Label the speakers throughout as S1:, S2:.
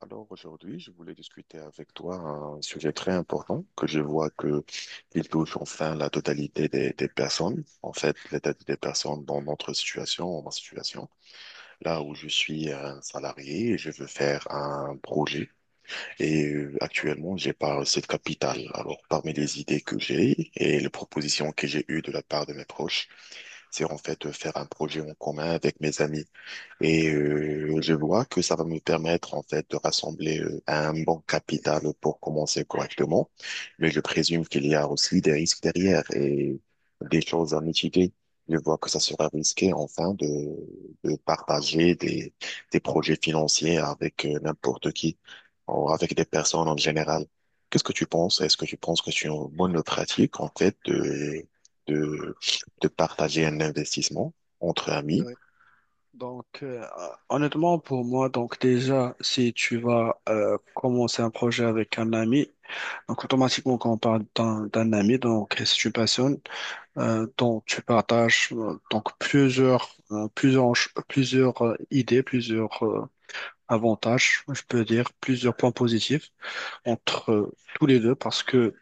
S1: Alors aujourd'hui, je voulais discuter avec toi un sujet très important que je vois que il touche enfin la totalité des personnes. En fait, la totalité des personnes dans notre situation, ma situation, là où je suis un salarié et je veux faire un projet. Et actuellement, j'ai pas cette capitale. Alors, parmi les idées que j'ai et les propositions que j'ai eues de la part de mes proches, c'est en fait de faire un projet en commun avec mes amis. Et je vois que ça va me permettre en fait de rassembler un bon capital pour commencer correctement, mais je présume qu'il y a aussi des risques derrière et des choses à mitiger. Je vois que ça sera risqué enfin de partager des projets financiers avec n'importe qui ou avec des personnes en général. Qu'est-ce que tu penses? Est-ce que tu penses que c'est une bonne pratique en fait de, de partager un investissement entre amis?
S2: Oui. Donc, honnêtement, pour moi, donc déjà, si tu vas commencer un projet avec un ami, donc automatiquement, quand on parle d'un ami, donc c'est une personne dont tu partages donc plusieurs, plusieurs idées, plusieurs avantages, je peux dire, plusieurs points positifs entre tous les deux, parce que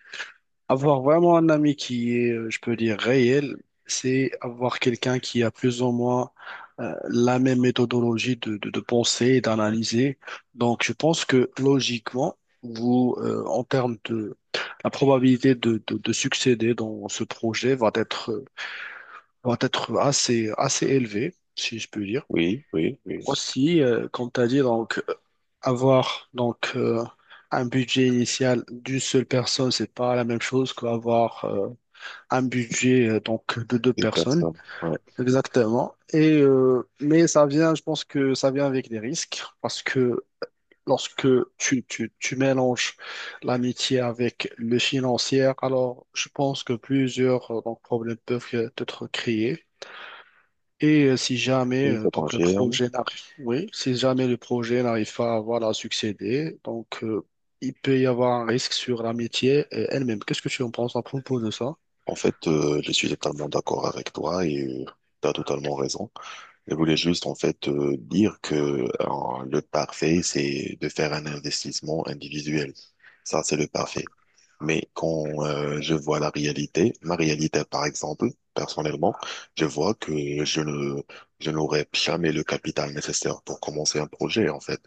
S2: avoir vraiment un ami qui est, je peux dire, réel, c'est avoir quelqu'un qui a plus ou moins la même méthodologie de penser et d'analyser. Donc, je pense que logiquement, vous, en termes de la probabilité de succéder dans ce projet va être assez, assez élevée, si je peux dire.
S1: Oui, oui, oui.
S2: Aussi, comme tu as dit, donc, avoir donc, un budget initial d'une seule personne, c'est pas la même chose qu'avoir. Un budget donc de deux
S1: Une
S2: personnes
S1: personne. Ouais.
S2: exactement. Et mais ça vient, je pense que ça vient avec des risques, parce que lorsque tu mélanges l'amitié avec le financier, alors je pense que plusieurs donc, problèmes peuvent être créés. Et si jamais
S1: Oui, je
S2: donc le
S1: confirme.
S2: projet n'arrive oui, si jamais le projet n'arrive pas à voilà à succéder, donc, il peut y avoir un risque sur l'amitié elle-même. Qu'est-ce que tu en penses à propos de ça?
S1: En fait, je suis totalement d'accord avec toi et tu as totalement raison. Je voulais juste en fait dire que le parfait, c'est de faire un investissement individuel. Ça, c'est le parfait. Mais quand je vois la réalité, ma réalité par exemple, personnellement, je vois que je n'aurai jamais le capital nécessaire pour commencer un projet en fait.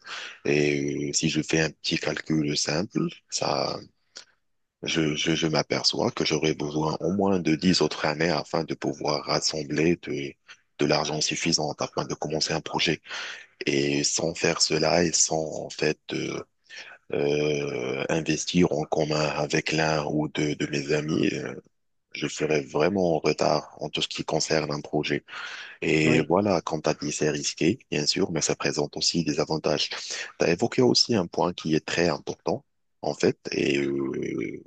S1: Et si je fais un petit calcul simple, ça, je m'aperçois que j'aurai besoin au moins de 10 autres années afin de pouvoir rassembler de l'argent suffisant afin de commencer un projet. Et sans faire cela et sans en fait investir en commun avec l'un ou deux de mes amis, je serais vraiment en retard en tout ce qui concerne un projet. Et
S2: Oui.
S1: voilà, comme t'as dit, c'est risqué, bien sûr, mais ça présente aussi des avantages. T'as évoqué aussi un point qui est très important, en fait, et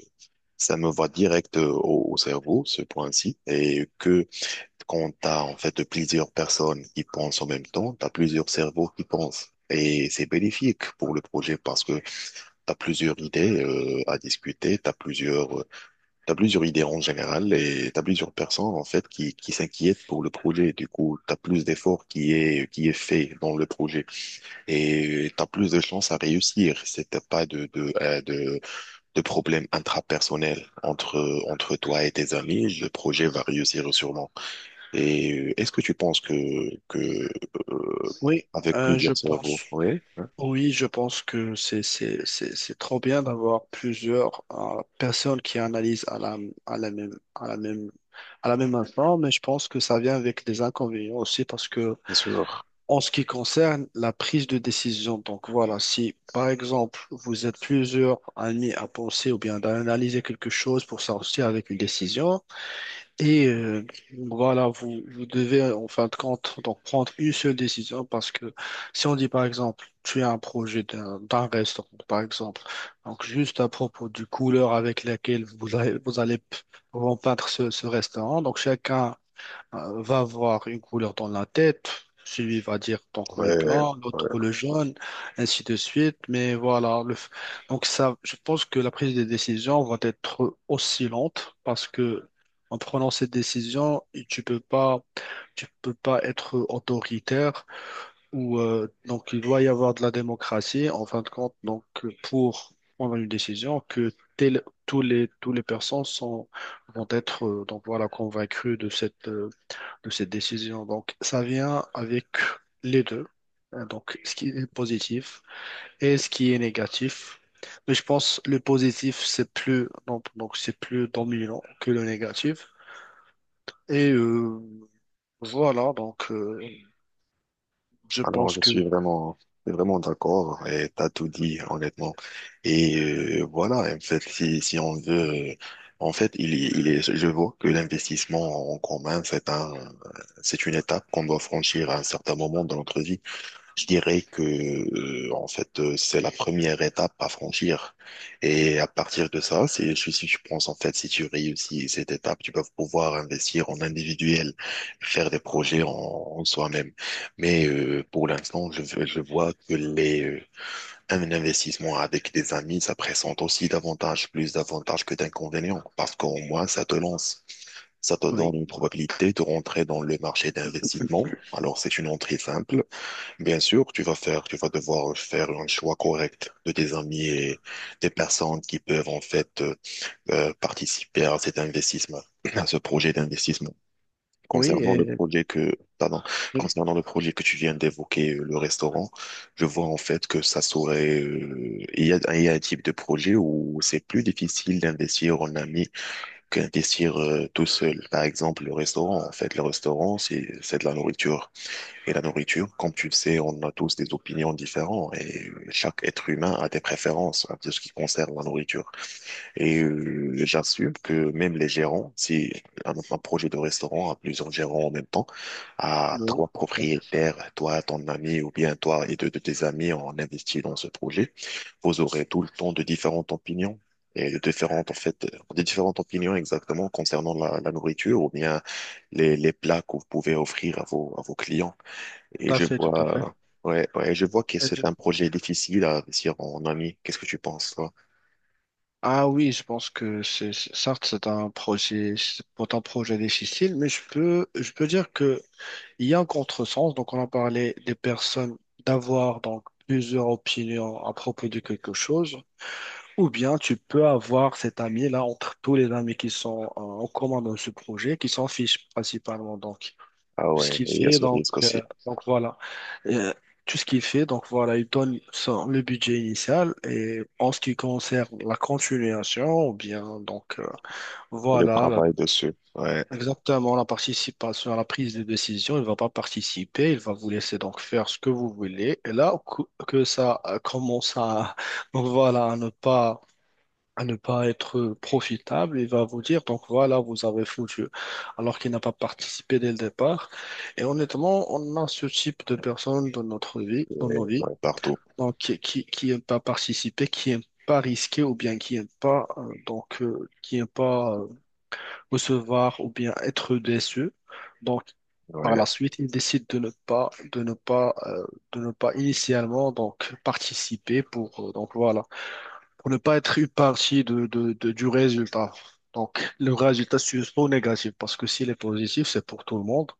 S1: ça me va direct au cerveau, ce point-ci, et que quand t'as en fait plusieurs personnes qui pensent en même temps, t'as plusieurs cerveaux qui pensent. Et c'est bénéfique pour le projet parce que t'as plusieurs idées à discuter, t'as plusieurs idées en général et t'as plusieurs personnes en fait qui s'inquiètent pour le projet. Du coup, t'as plus d'efforts qui est fait dans le projet et t'as plus de chances à réussir. C'était pas de problèmes intrapersonnels entre toi et tes amis. Le projet va réussir sûrement. Et est-ce que tu penses que que euh,
S2: Oui,
S1: avec
S2: je
S1: plusieurs cerveaux,
S2: pense.
S1: oui, hein,
S2: Oui, je pense que c'est trop bien d'avoir plusieurs personnes qui analysent à la à la même à la même à la même instant, mais je pense que ça vient avec des inconvénients aussi, parce que
S1: bien sûr,
S2: en ce qui concerne la prise de décision, donc voilà, si par exemple vous êtes plusieurs amis à penser ou bien d'analyser quelque chose pour sortir avec une décision. Et voilà, vous devez en fin de compte donc prendre une seule décision, parce que si on dit par exemple, tu as un projet d'un restaurant, par exemple, donc juste à propos du couleur avec laquelle vous peindre ce restaurant, donc chacun va avoir une couleur dans la tête, celui va dire donc le
S1: ouais.
S2: blanc, l'autre
S1: Ouais.
S2: le jaune, ainsi de suite. Mais voilà, donc ça, je pense que la prise de décision va être oscillante, parce que en prenant cette décision, tu peux pas être autoritaire ou donc il doit y avoir de la démocratie en fin de compte. Donc pour prendre une décision que tous les personnes sont, vont être donc voilà convaincues de cette décision. Donc, ça vient avec les deux. Hein, donc, ce qui est positif et ce qui est négatif. Mais je pense le positif, c'est plus, donc c'est plus dominant que le négatif. Et voilà, donc, je
S1: Alors,
S2: pense que
S1: je suis vraiment d'accord et t'as tout dit, honnêtement. Et voilà, en fait, si on veut, en fait, il est, je vois que l'investissement en commun, c'est une étape qu'on doit franchir à un certain moment dans notre vie. Je dirais que en fait c'est la première étape à franchir et à partir de ça c'est si tu penses en fait si tu réussis cette étape tu vas pouvoir investir en individuel faire des projets en soi-même mais pour l'instant je vois que les un investissement avec des amis ça présente aussi davantage plus d'avantages que d'inconvénients parce qu'au moins ça te lance ça te donne
S2: oui,
S1: une probabilité de rentrer dans le marché d'investissement alors c'est une entrée simple. Bien sûr, tu vas devoir faire un choix correct de tes amis et des personnes qui peuvent en fait participer à cet investissement, à ce projet d'investissement.
S2: oui,
S1: Concernant
S2: et,
S1: le projet que, pardon,
S2: oui,
S1: Concernant le projet que tu viens d'évoquer, le restaurant, je vois en fait que ça serait, il y a un type de projet où c'est plus difficile d'investir en ami qu'investir tout seul. Par exemple, le restaurant, en fait, le restaurant, c'est de la nourriture et la nourriture, comme tu le sais, on a tous des opinions différentes et chaque être humain a des préférences à ce qui concerne la nourriture. Et j'assume que même les gérants, si un projet de restaurant a plusieurs gérants en même temps, à
S2: oui,
S1: trois propriétaires, toi, ton ami ou bien toi et deux de tes amis en investi dans ce projet, vous aurez tout le temps de différentes opinions. Et de différentes, en fait, des différentes opinions exactement concernant la nourriture ou bien les plats que vous pouvez offrir à vos clients.
S2: tout
S1: Et
S2: à
S1: je
S2: fait, tout à fait. Tout à
S1: vois, ouais, ouais, je vois que
S2: fait. Et
S1: c'est un projet difficile à réussir en ami. Qu'est-ce que tu penses, toi?
S2: ah oui, je pense que certes, c'est un projet, c'est pas un projet difficile, mais je peux dire que il y a un contresens, donc on a parlé des personnes d'avoir donc plusieurs opinions à propos de quelque chose, ou bien tu peux avoir cet ami-là entre tous les amis qui sont en commun dans ce projet, qui s'en fichent principalement. Donc
S1: Ah
S2: tout ce
S1: ouais,
S2: qu'il
S1: il y a
S2: fait,
S1: ce risque aussi.
S2: donc voilà. Euh, tout ce qu'il fait, donc voilà, il donne le budget initial, et en ce qui concerne la continuation, ou bien donc
S1: Et le
S2: voilà,
S1: travail dessus, ouais,
S2: exactement, la participation à la prise de décision, il ne va pas participer, il va vous laisser donc faire ce que vous voulez. Et là, que ça commence à, donc voilà, à ne pas être profitable, il va vous dire, donc voilà, vous avez foutu, alors qu'il n'a pas participé dès le départ. Et honnêtement, on a ce type de personnes dans notre vie, dans nos
S1: ouais,
S2: vies,
S1: ouais, partout.
S2: donc qui n'aiment pas participer, qui n'aiment pas risquer, ou bien qui n'aiment pas, qui n'aiment pas recevoir ou bien être déçu. Donc, par
S1: Ouais,
S2: la suite, il décide de ne pas initialement donc participer pour donc voilà, pour ne pas être une partie du résultat. Donc, le résultat c'est soit négatif, parce que s'il est positif, c'est pour tout le monde.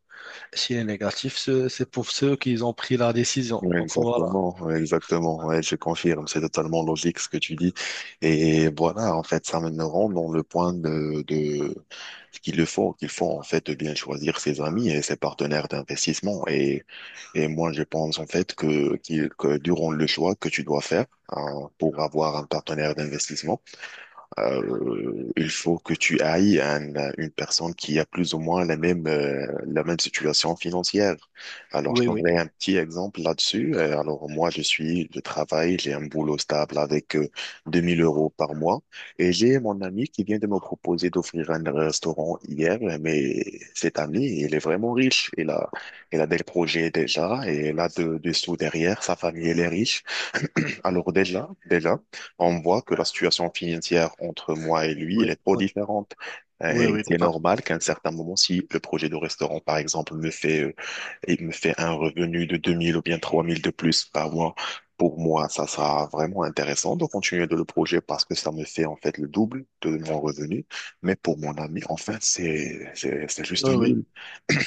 S2: S'il est négatif, c'est pour ceux qui ont pris la décision.
S1: ouais,
S2: Donc voilà.
S1: exactement, ouais, exactement. Ouais, je confirme, c'est totalement logique ce que tu dis. Et voilà, en fait, ça me rend dans le point de ce qu'il le faut, qu'il faut en fait de bien choisir ses amis et ses partenaires d'investissement. Et moi, je pense en fait que durant le choix que tu dois faire hein, pour avoir un partenaire d'investissement, il faut que tu ailles une personne qui a plus ou moins la même situation financière. Alors, je
S2: Oui, oui,
S1: donnerai un petit exemple là-dessus. Alors, moi, je travaille, j'ai un boulot stable avec 2 000 € par mois. Et j'ai mon ami qui vient de me proposer d'offrir un restaurant hier, mais cet ami, il est vraiment riche. Il a des projets déjà et il a des sous derrière. Sa famille, elle est riche. Alors déjà, on voit que la situation financière entre moi et lui, elle est
S2: oui,
S1: trop
S2: oui,
S1: différente.
S2: oui,
S1: Et
S2: oui,
S1: c'est
S2: par-
S1: normal qu'à un certain moment, si le projet de restaurant, par exemple, et me fait un revenu de 2 000 ou bien 3 000 de plus par mois, pour moi, ça sera vraiment intéressant de continuer de le projet parce que ça me fait, en fait, le double de mon revenu. Mais pour mon ami, enfin, c'est juste
S2: oui, oui,
S1: nul.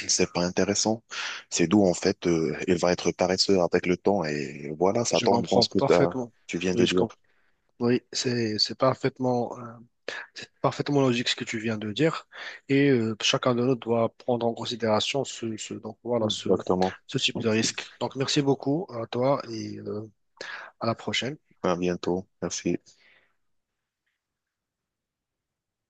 S1: C'est pas intéressant. C'est d'où, en fait, il va être paresseux avec le temps et voilà, ça
S2: je
S1: tombe dans
S2: comprends parfaitement.
S1: tu viens de
S2: Oui, je
S1: dire.
S2: comprends. Oui, c'est parfaitement. C'est parfaitement logique ce que tu viens de dire. Et chacun de nous doit prendre en considération donc, voilà, ce,
S1: Exactement.
S2: ce type de risque. Donc, merci beaucoup à toi et à la prochaine.
S1: À bientôt. Merci.